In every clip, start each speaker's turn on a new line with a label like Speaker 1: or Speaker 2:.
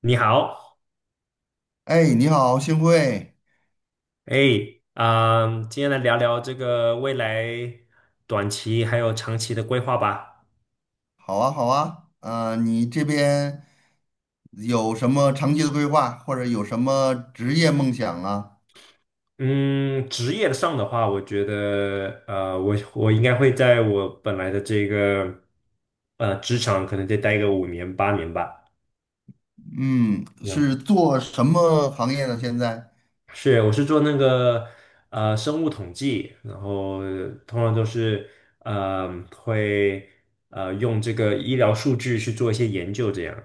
Speaker 1: 你好，
Speaker 2: 哎，你好，幸会，
Speaker 1: 哎，啊、今天来聊聊这个未来短期还有长期的规划吧。
Speaker 2: 好啊，好啊，你这边有什么长期的规划，或者有什么职业梦想啊？
Speaker 1: 嗯，职业上的话，我觉得，我应该会在我本来的这个职场，可能再待个五年八年吧。
Speaker 2: 嗯，
Speaker 1: 然
Speaker 2: 是
Speaker 1: 后
Speaker 2: 做什么行业呢？现在？
Speaker 1: 是，我是做那个生物统计，然后通常都是呃会用这个医疗数据去做一些研究，这样。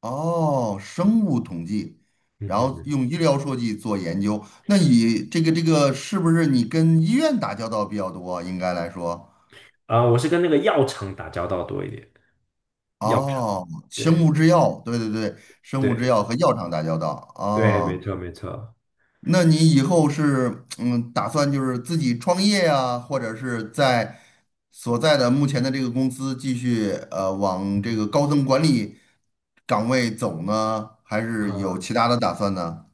Speaker 2: 哦，生物统计，
Speaker 1: 嗯
Speaker 2: 然后
Speaker 1: 哼。
Speaker 2: 用医疗数据做研究。那你这个是不是你跟医院打交道比较多啊？应该来说，
Speaker 1: 啊、我是跟那个药厂打交道多一点，药厂，
Speaker 2: 哦，生
Speaker 1: 对
Speaker 2: 物制药，对对对，生物制
Speaker 1: 对
Speaker 2: 药和药厂打交道啊，
Speaker 1: 对，没
Speaker 2: 哦
Speaker 1: 错没错
Speaker 2: 那你以后是打算就是自己创业呀，或者是在所在的目前的这个公司继续往这个高层管理岗位走呢，还是有
Speaker 1: 啊、
Speaker 2: 其他的打算呢？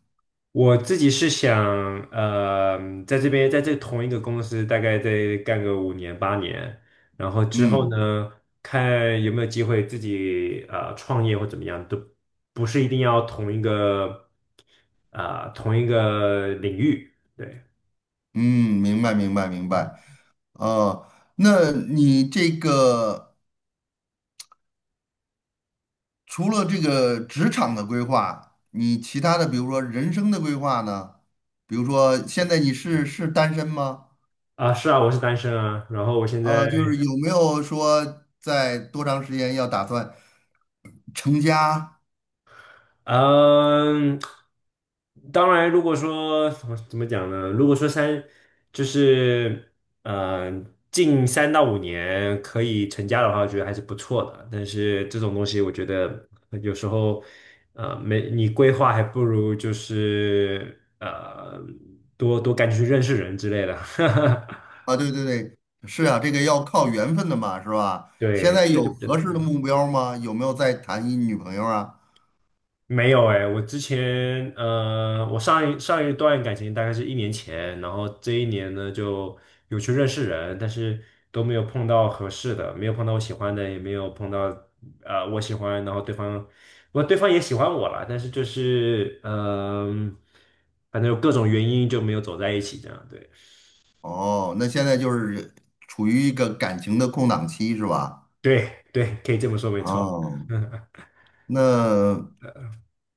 Speaker 1: 我自己是想呃，在这边在这同一个公司大概再干个五年八年，然后之后
Speaker 2: 嗯
Speaker 1: 呢，看有没有机会自己创业或怎么样，都不是一定要同一个啊、同一个领域，对。
Speaker 2: 嗯，明白明白明白。呃，那你这个除了这个职场的规划，你其他的比如说人生的规划呢？比如说现在你是单身吗？
Speaker 1: 啊，是啊，我是单身啊，然后我现在
Speaker 2: 啊，就是有没有说在多长时间要打算成家
Speaker 1: 嗯，当然，如果说怎么怎么讲呢？如果说三就是呃近三到五年可以成家的话，我觉得还是不错的。但是这种东西，我觉得有时候没你规划，还不如就是多多赶紧去认识人之类的。
Speaker 2: 啊？对对对，是啊，这个要靠缘分的嘛，是吧？现
Speaker 1: 对，
Speaker 2: 在
Speaker 1: 这个就
Speaker 2: 有
Speaker 1: 比较
Speaker 2: 合
Speaker 1: 难。
Speaker 2: 适的目标吗？有没有在谈一女朋友啊？
Speaker 1: 没有哎、我之前我上一段感情大概是一年前，然后这一年呢就有去认识人，但是都没有碰到合适的，没有碰到我喜欢的，也没有碰到我喜欢，然后对方不过对方也喜欢我了，但是就是反正有各种原因就没有走在一起，这样对
Speaker 2: 哦，那现在就是处于一个感情的空档期，是吧？
Speaker 1: 对对，可以这么说，没错，
Speaker 2: 哦。
Speaker 1: 嗯
Speaker 2: 那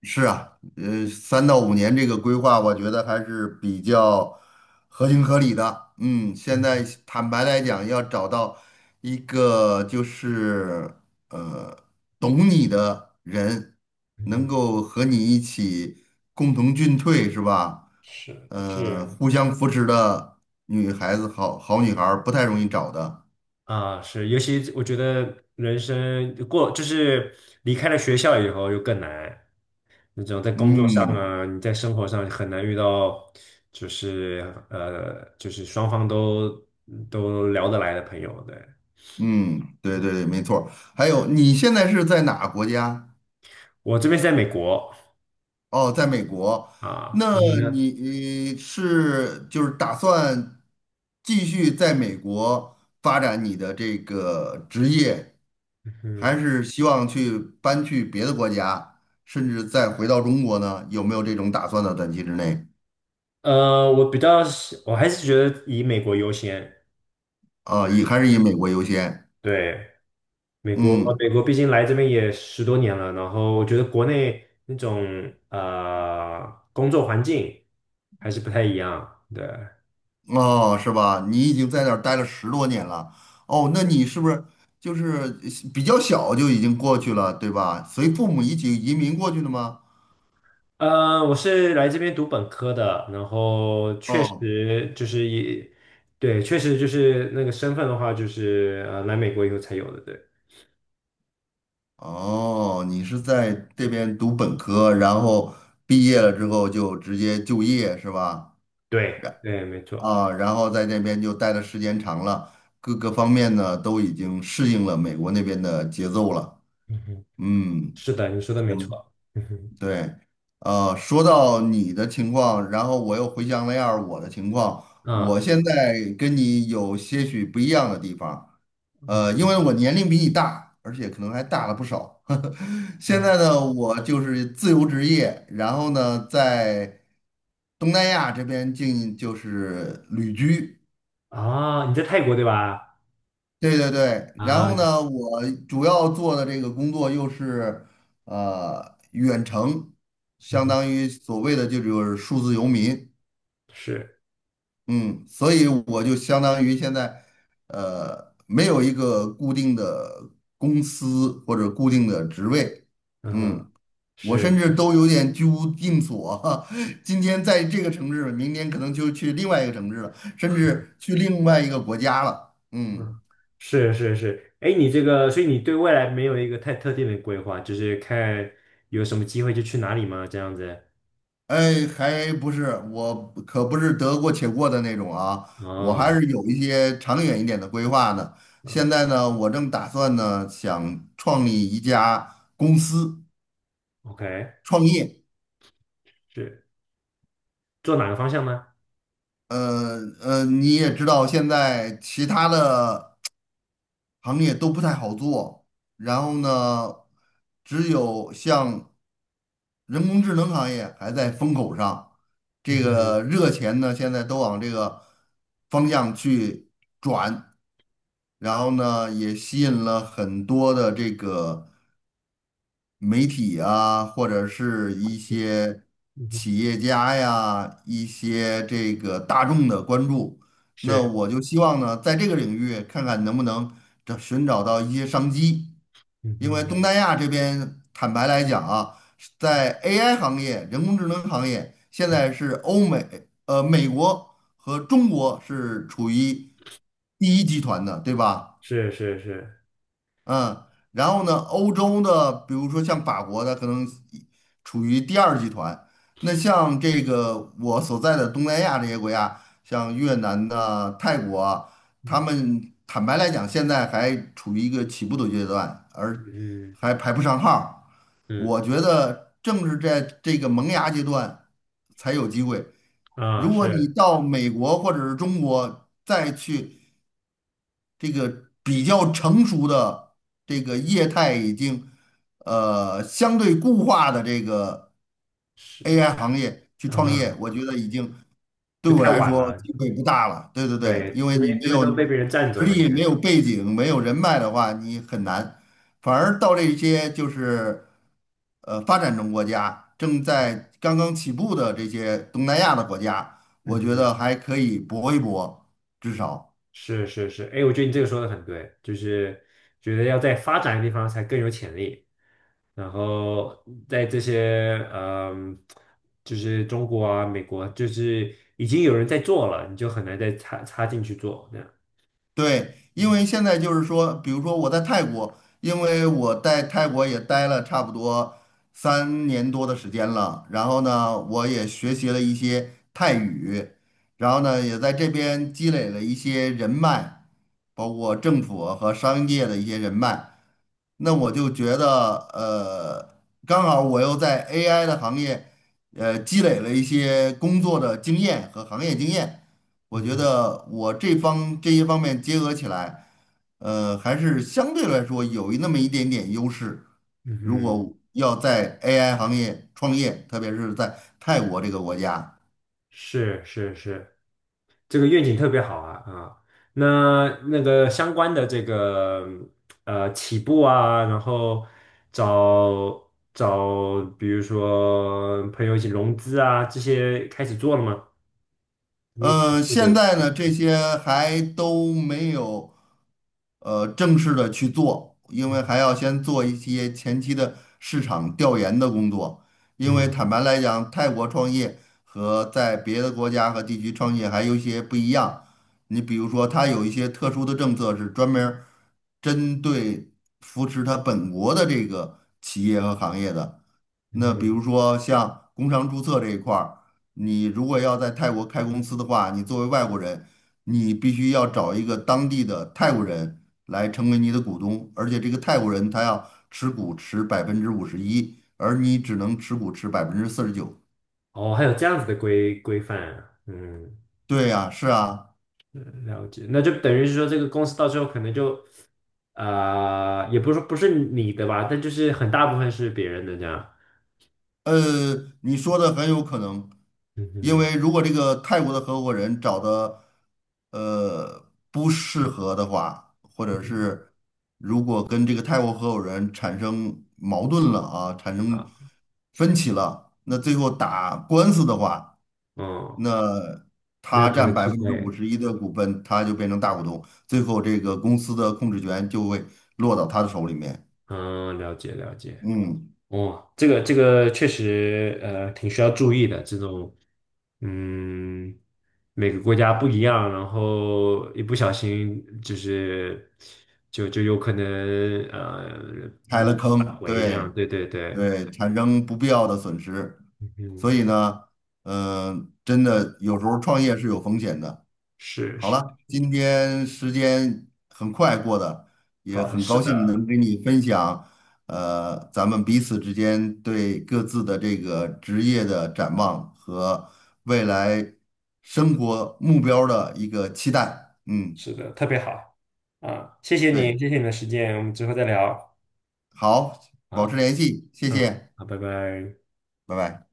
Speaker 2: 是啊，三到五年这个规划，我觉得还是比较合情合理的。嗯，现在
Speaker 1: 嗯
Speaker 2: 坦白来讲，要找到一个就是呃懂你的人，
Speaker 1: 嗯
Speaker 2: 能
Speaker 1: 嗯，
Speaker 2: 够和你一起共同进退，是吧？
Speaker 1: 是是。
Speaker 2: 互相扶持的女孩子，好好女孩儿不太容易找的。
Speaker 1: 啊，是，尤其我觉得人生过就是离开了学校以后又更难，那种在工作上
Speaker 2: 嗯，
Speaker 1: 啊，你在生活上很难遇到，就是就是双方都聊得来的朋友。对，
Speaker 2: 嗯，对对对，没错儿还有，你现在是在哪个国家？
Speaker 1: 我这边是在美国
Speaker 2: 哦，在美国。
Speaker 1: 啊，
Speaker 2: 那
Speaker 1: 你呢？
Speaker 2: 你是就是打算继续在美国发展你的这个职业，还
Speaker 1: 嗯，
Speaker 2: 是希望去搬去别的国家，甚至再回到中国呢？有没有这种打算的短期之内
Speaker 1: 我比较喜，我还是觉得以美国优先。
Speaker 2: 啊，还是以美国优先？
Speaker 1: 对，美国，
Speaker 2: 嗯。
Speaker 1: 美国毕竟来这边也十多年了，然后我觉得国内那种工作环境还是不太一样。对，
Speaker 2: 哦，是吧？你已经在那儿待了十多年了，哦，那你是不是就是比较小就已经过去了，对吧？随父母一起移民过去的吗？
Speaker 1: 我是来这边读本科的，然后确
Speaker 2: 哦，
Speaker 1: 实就是也对，确实就是那个身份的话，就是来美国以后才有的。对，
Speaker 2: 哦，你是在这边读本科，然后毕业了之后就直接就业，是吧？
Speaker 1: 对，对，没错。
Speaker 2: 啊，然后在那边就待的时间长了，各个方面呢都已经适应了美国那边的节奏了。
Speaker 1: 嗯哼，
Speaker 2: 嗯，
Speaker 1: 是的，你说的没
Speaker 2: 行，
Speaker 1: 错。嗯
Speaker 2: 对，说到你的情况，然后我又回想了一下儿我的情况，
Speaker 1: 哼，
Speaker 2: 我
Speaker 1: 啊
Speaker 2: 现在跟你有些许不一样的地方，因为我年龄比你大，而且可能还大了不少。现
Speaker 1: 啊
Speaker 2: 在呢，我就是自由职业，然后呢，在东南亚这边就是旅居。
Speaker 1: 啊，你在泰国对吧？
Speaker 2: 对对对，然后
Speaker 1: 啊，
Speaker 2: 呢，我主要做的这个工作又是远程，
Speaker 1: 嗯
Speaker 2: 相
Speaker 1: 哼，
Speaker 2: 当于所谓的就是数字游民，
Speaker 1: 是，
Speaker 2: 嗯，所以我就相当于现在没有一个固定的公司或者固定的职位，
Speaker 1: 嗯
Speaker 2: 嗯，
Speaker 1: 哼。
Speaker 2: 我
Speaker 1: 是。
Speaker 2: 甚至都有点居无定所，今天在这个城市，明天可能就去另外一个城市了，甚至去另外一个国家了，嗯。
Speaker 1: 嗯，是是是，哎，你这个，所以你对未来没有一个太特定的规划，就是看有什么机会就去哪里吗？这样子。
Speaker 2: 哎，还不是，我可不是得过且过的那种啊，我还
Speaker 1: 哦，
Speaker 2: 是有一些长远一点的规划的。
Speaker 1: 嗯
Speaker 2: 现在呢，我正打算呢，想创立一家公司
Speaker 1: ，OK,
Speaker 2: 创业。
Speaker 1: 是做哪个方向呢？
Speaker 2: 你也知道，现在其他的行业都不太好做，然后呢，只有像人工智能行业还在风口上，
Speaker 1: 嗯
Speaker 2: 这
Speaker 1: 哼，
Speaker 2: 个热钱呢，现在都往这个方向去。然后呢，也吸引了很多的这个媒体啊，或者是一些
Speaker 1: 嗯哼，
Speaker 2: 企业家呀，一些这个大众的关注。那
Speaker 1: 是，
Speaker 2: 我就希望呢，在这个领域看看能不能寻找到一些商机，
Speaker 1: 嗯
Speaker 2: 因为
Speaker 1: 哼，
Speaker 2: 东南亚这边坦白来讲啊，在 AI 行业、人工智能行业，现在是美国和中国是处于第一集团的，对吧？
Speaker 1: 是是是，
Speaker 2: 嗯，然后呢，欧洲的，比如说像法国的，可能一处于第二集团。那像这个我所在的东南亚这些国家，像越南的、泰国啊他
Speaker 1: 嗯
Speaker 2: 们坦白来讲，现在还处于一个起步的阶段，而
Speaker 1: 嗯
Speaker 2: 还排不上号儿
Speaker 1: 嗯，
Speaker 2: 我觉得正是在这个萌芽阶段才有机会。
Speaker 1: 啊，
Speaker 2: 如果你
Speaker 1: 是
Speaker 2: 到美国或者是中国再去。这个比较成熟的这个业态已经相对固化的这个
Speaker 1: 是，
Speaker 2: AI 行业去
Speaker 1: 啊，
Speaker 2: 创业，
Speaker 1: 哈，
Speaker 2: 我觉得已经对
Speaker 1: 就
Speaker 2: 我
Speaker 1: 太
Speaker 2: 来
Speaker 1: 晚
Speaker 2: 说
Speaker 1: 了，
Speaker 2: 机会不大了。对对对，
Speaker 1: 对，
Speaker 2: 因为
Speaker 1: 这
Speaker 2: 你
Speaker 1: 边
Speaker 2: 没
Speaker 1: 这边
Speaker 2: 有
Speaker 1: 都被别人占
Speaker 2: 实
Speaker 1: 走了的
Speaker 2: 力、没
Speaker 1: 感觉。
Speaker 2: 有背景、没有人脉的话，你很难。反而到这些就是发展中国家正在刚刚起步的这些东南亚的国家，我
Speaker 1: 嗯
Speaker 2: 觉
Speaker 1: 哼。
Speaker 2: 得还可以搏一搏，至少。
Speaker 1: 是是是，哎，我觉得你这个说的很对，就是觉得要在发展的地方才更有潜力，然后在这些嗯，就是中国啊、美国，就是已经有人在做了，你就很难再插进去做这样。
Speaker 2: 对，因为
Speaker 1: 嗯
Speaker 2: 现在就是说，比如说我在泰国，因为我在泰国也待了差不多三年多的时间了，然后呢，我也学习了一些泰语，然后呢，也在这边积累了一些人脉，包括政府和商业的一些人脉。那我就觉得，刚好我又在 AI 的行业，积累了一些工作的经验和行业经验，我
Speaker 1: 嗯
Speaker 2: 觉
Speaker 1: 哼
Speaker 2: 得我这些方面结合起来，还是相对来说有那么一点点优势。
Speaker 1: 嗯
Speaker 2: 如
Speaker 1: 哼
Speaker 2: 果要在 AI 行业创业，特别是在泰国这个国家，
Speaker 1: 是是是，这个愿景特别好啊啊，那个相关的这个起步啊，然后找找比如说朋友一起融资啊，这些开始做了吗？那些起步
Speaker 2: 现
Speaker 1: 的，
Speaker 2: 在呢，这些还都没有。正式的去做，因
Speaker 1: 嗯
Speaker 2: 为还要先做一些前期的市场调研的工作。因为
Speaker 1: 嗯，
Speaker 2: 坦白来讲，泰国创业和在别的国家和地区创业还有一些不一样。你比如说，它有一些特殊的政策是专门儿针对扶持它本国的这个企业和行业的。那比如
Speaker 1: 嗯，
Speaker 2: 说像工商注册这一块儿，你如果要在泰国开公司的话，你作为外国人，你必须要找一个当地的泰国人。来成为你的股东，而且这个泰国人他要持股持百分之五十一，而你只能持股持49%。
Speaker 1: 哦，还有这样子的规范啊，嗯，
Speaker 2: 对呀，是啊。
Speaker 1: 了解，那就等于是说这个公司到最后可能就啊，也不是说不是你的吧，但就是很大部分是别人的这样，
Speaker 2: 呃，你说的很有可能，
Speaker 1: 嗯
Speaker 2: 因
Speaker 1: 哼，
Speaker 2: 为如果这个泰国的合伙人找的不适合的话，或者
Speaker 1: 嗯
Speaker 2: 是如果跟这个泰国合伙人产生矛盾了啊，产生
Speaker 1: 啊，
Speaker 2: 分歧了，那最后打官司的话，
Speaker 1: 嗯。
Speaker 2: 那
Speaker 1: 没有
Speaker 2: 他
Speaker 1: 可
Speaker 2: 占
Speaker 1: 能
Speaker 2: 百
Speaker 1: 吃
Speaker 2: 分之五
Speaker 1: 亏。
Speaker 2: 十一的股份，他就变成大股东，最后这个公司的控制权就会落到他的手里面。
Speaker 1: 嗯，了解了解。
Speaker 2: 嗯。
Speaker 1: 哦，这个这个确实挺需要注意的。这种嗯，每个国家不一样，然后一不小心就是就有可能
Speaker 2: 开
Speaker 1: 无
Speaker 2: 了
Speaker 1: 法挽
Speaker 2: 坑，
Speaker 1: 回这样。
Speaker 2: 对
Speaker 1: 对对对，
Speaker 2: 对，产生不必要的损失。所
Speaker 1: 嗯，
Speaker 2: 以呢，真的有时候创业是有风险的。
Speaker 1: 是
Speaker 2: 好
Speaker 1: 是，
Speaker 2: 了，今天时间很快过的，也
Speaker 1: 好，
Speaker 2: 很
Speaker 1: 是
Speaker 2: 高兴能
Speaker 1: 的，
Speaker 2: 跟你分享，咱们彼此之间对各自的这个职业的展望和未来生活目标的一个期待。嗯，
Speaker 1: 是的，特别好啊！谢谢
Speaker 2: 对，
Speaker 1: 你，谢谢你的时间，我们之后再聊
Speaker 2: 好，保持
Speaker 1: 啊。
Speaker 2: 联系，谢
Speaker 1: 嗯，
Speaker 2: 谢，
Speaker 1: 好，拜拜。
Speaker 2: 拜拜。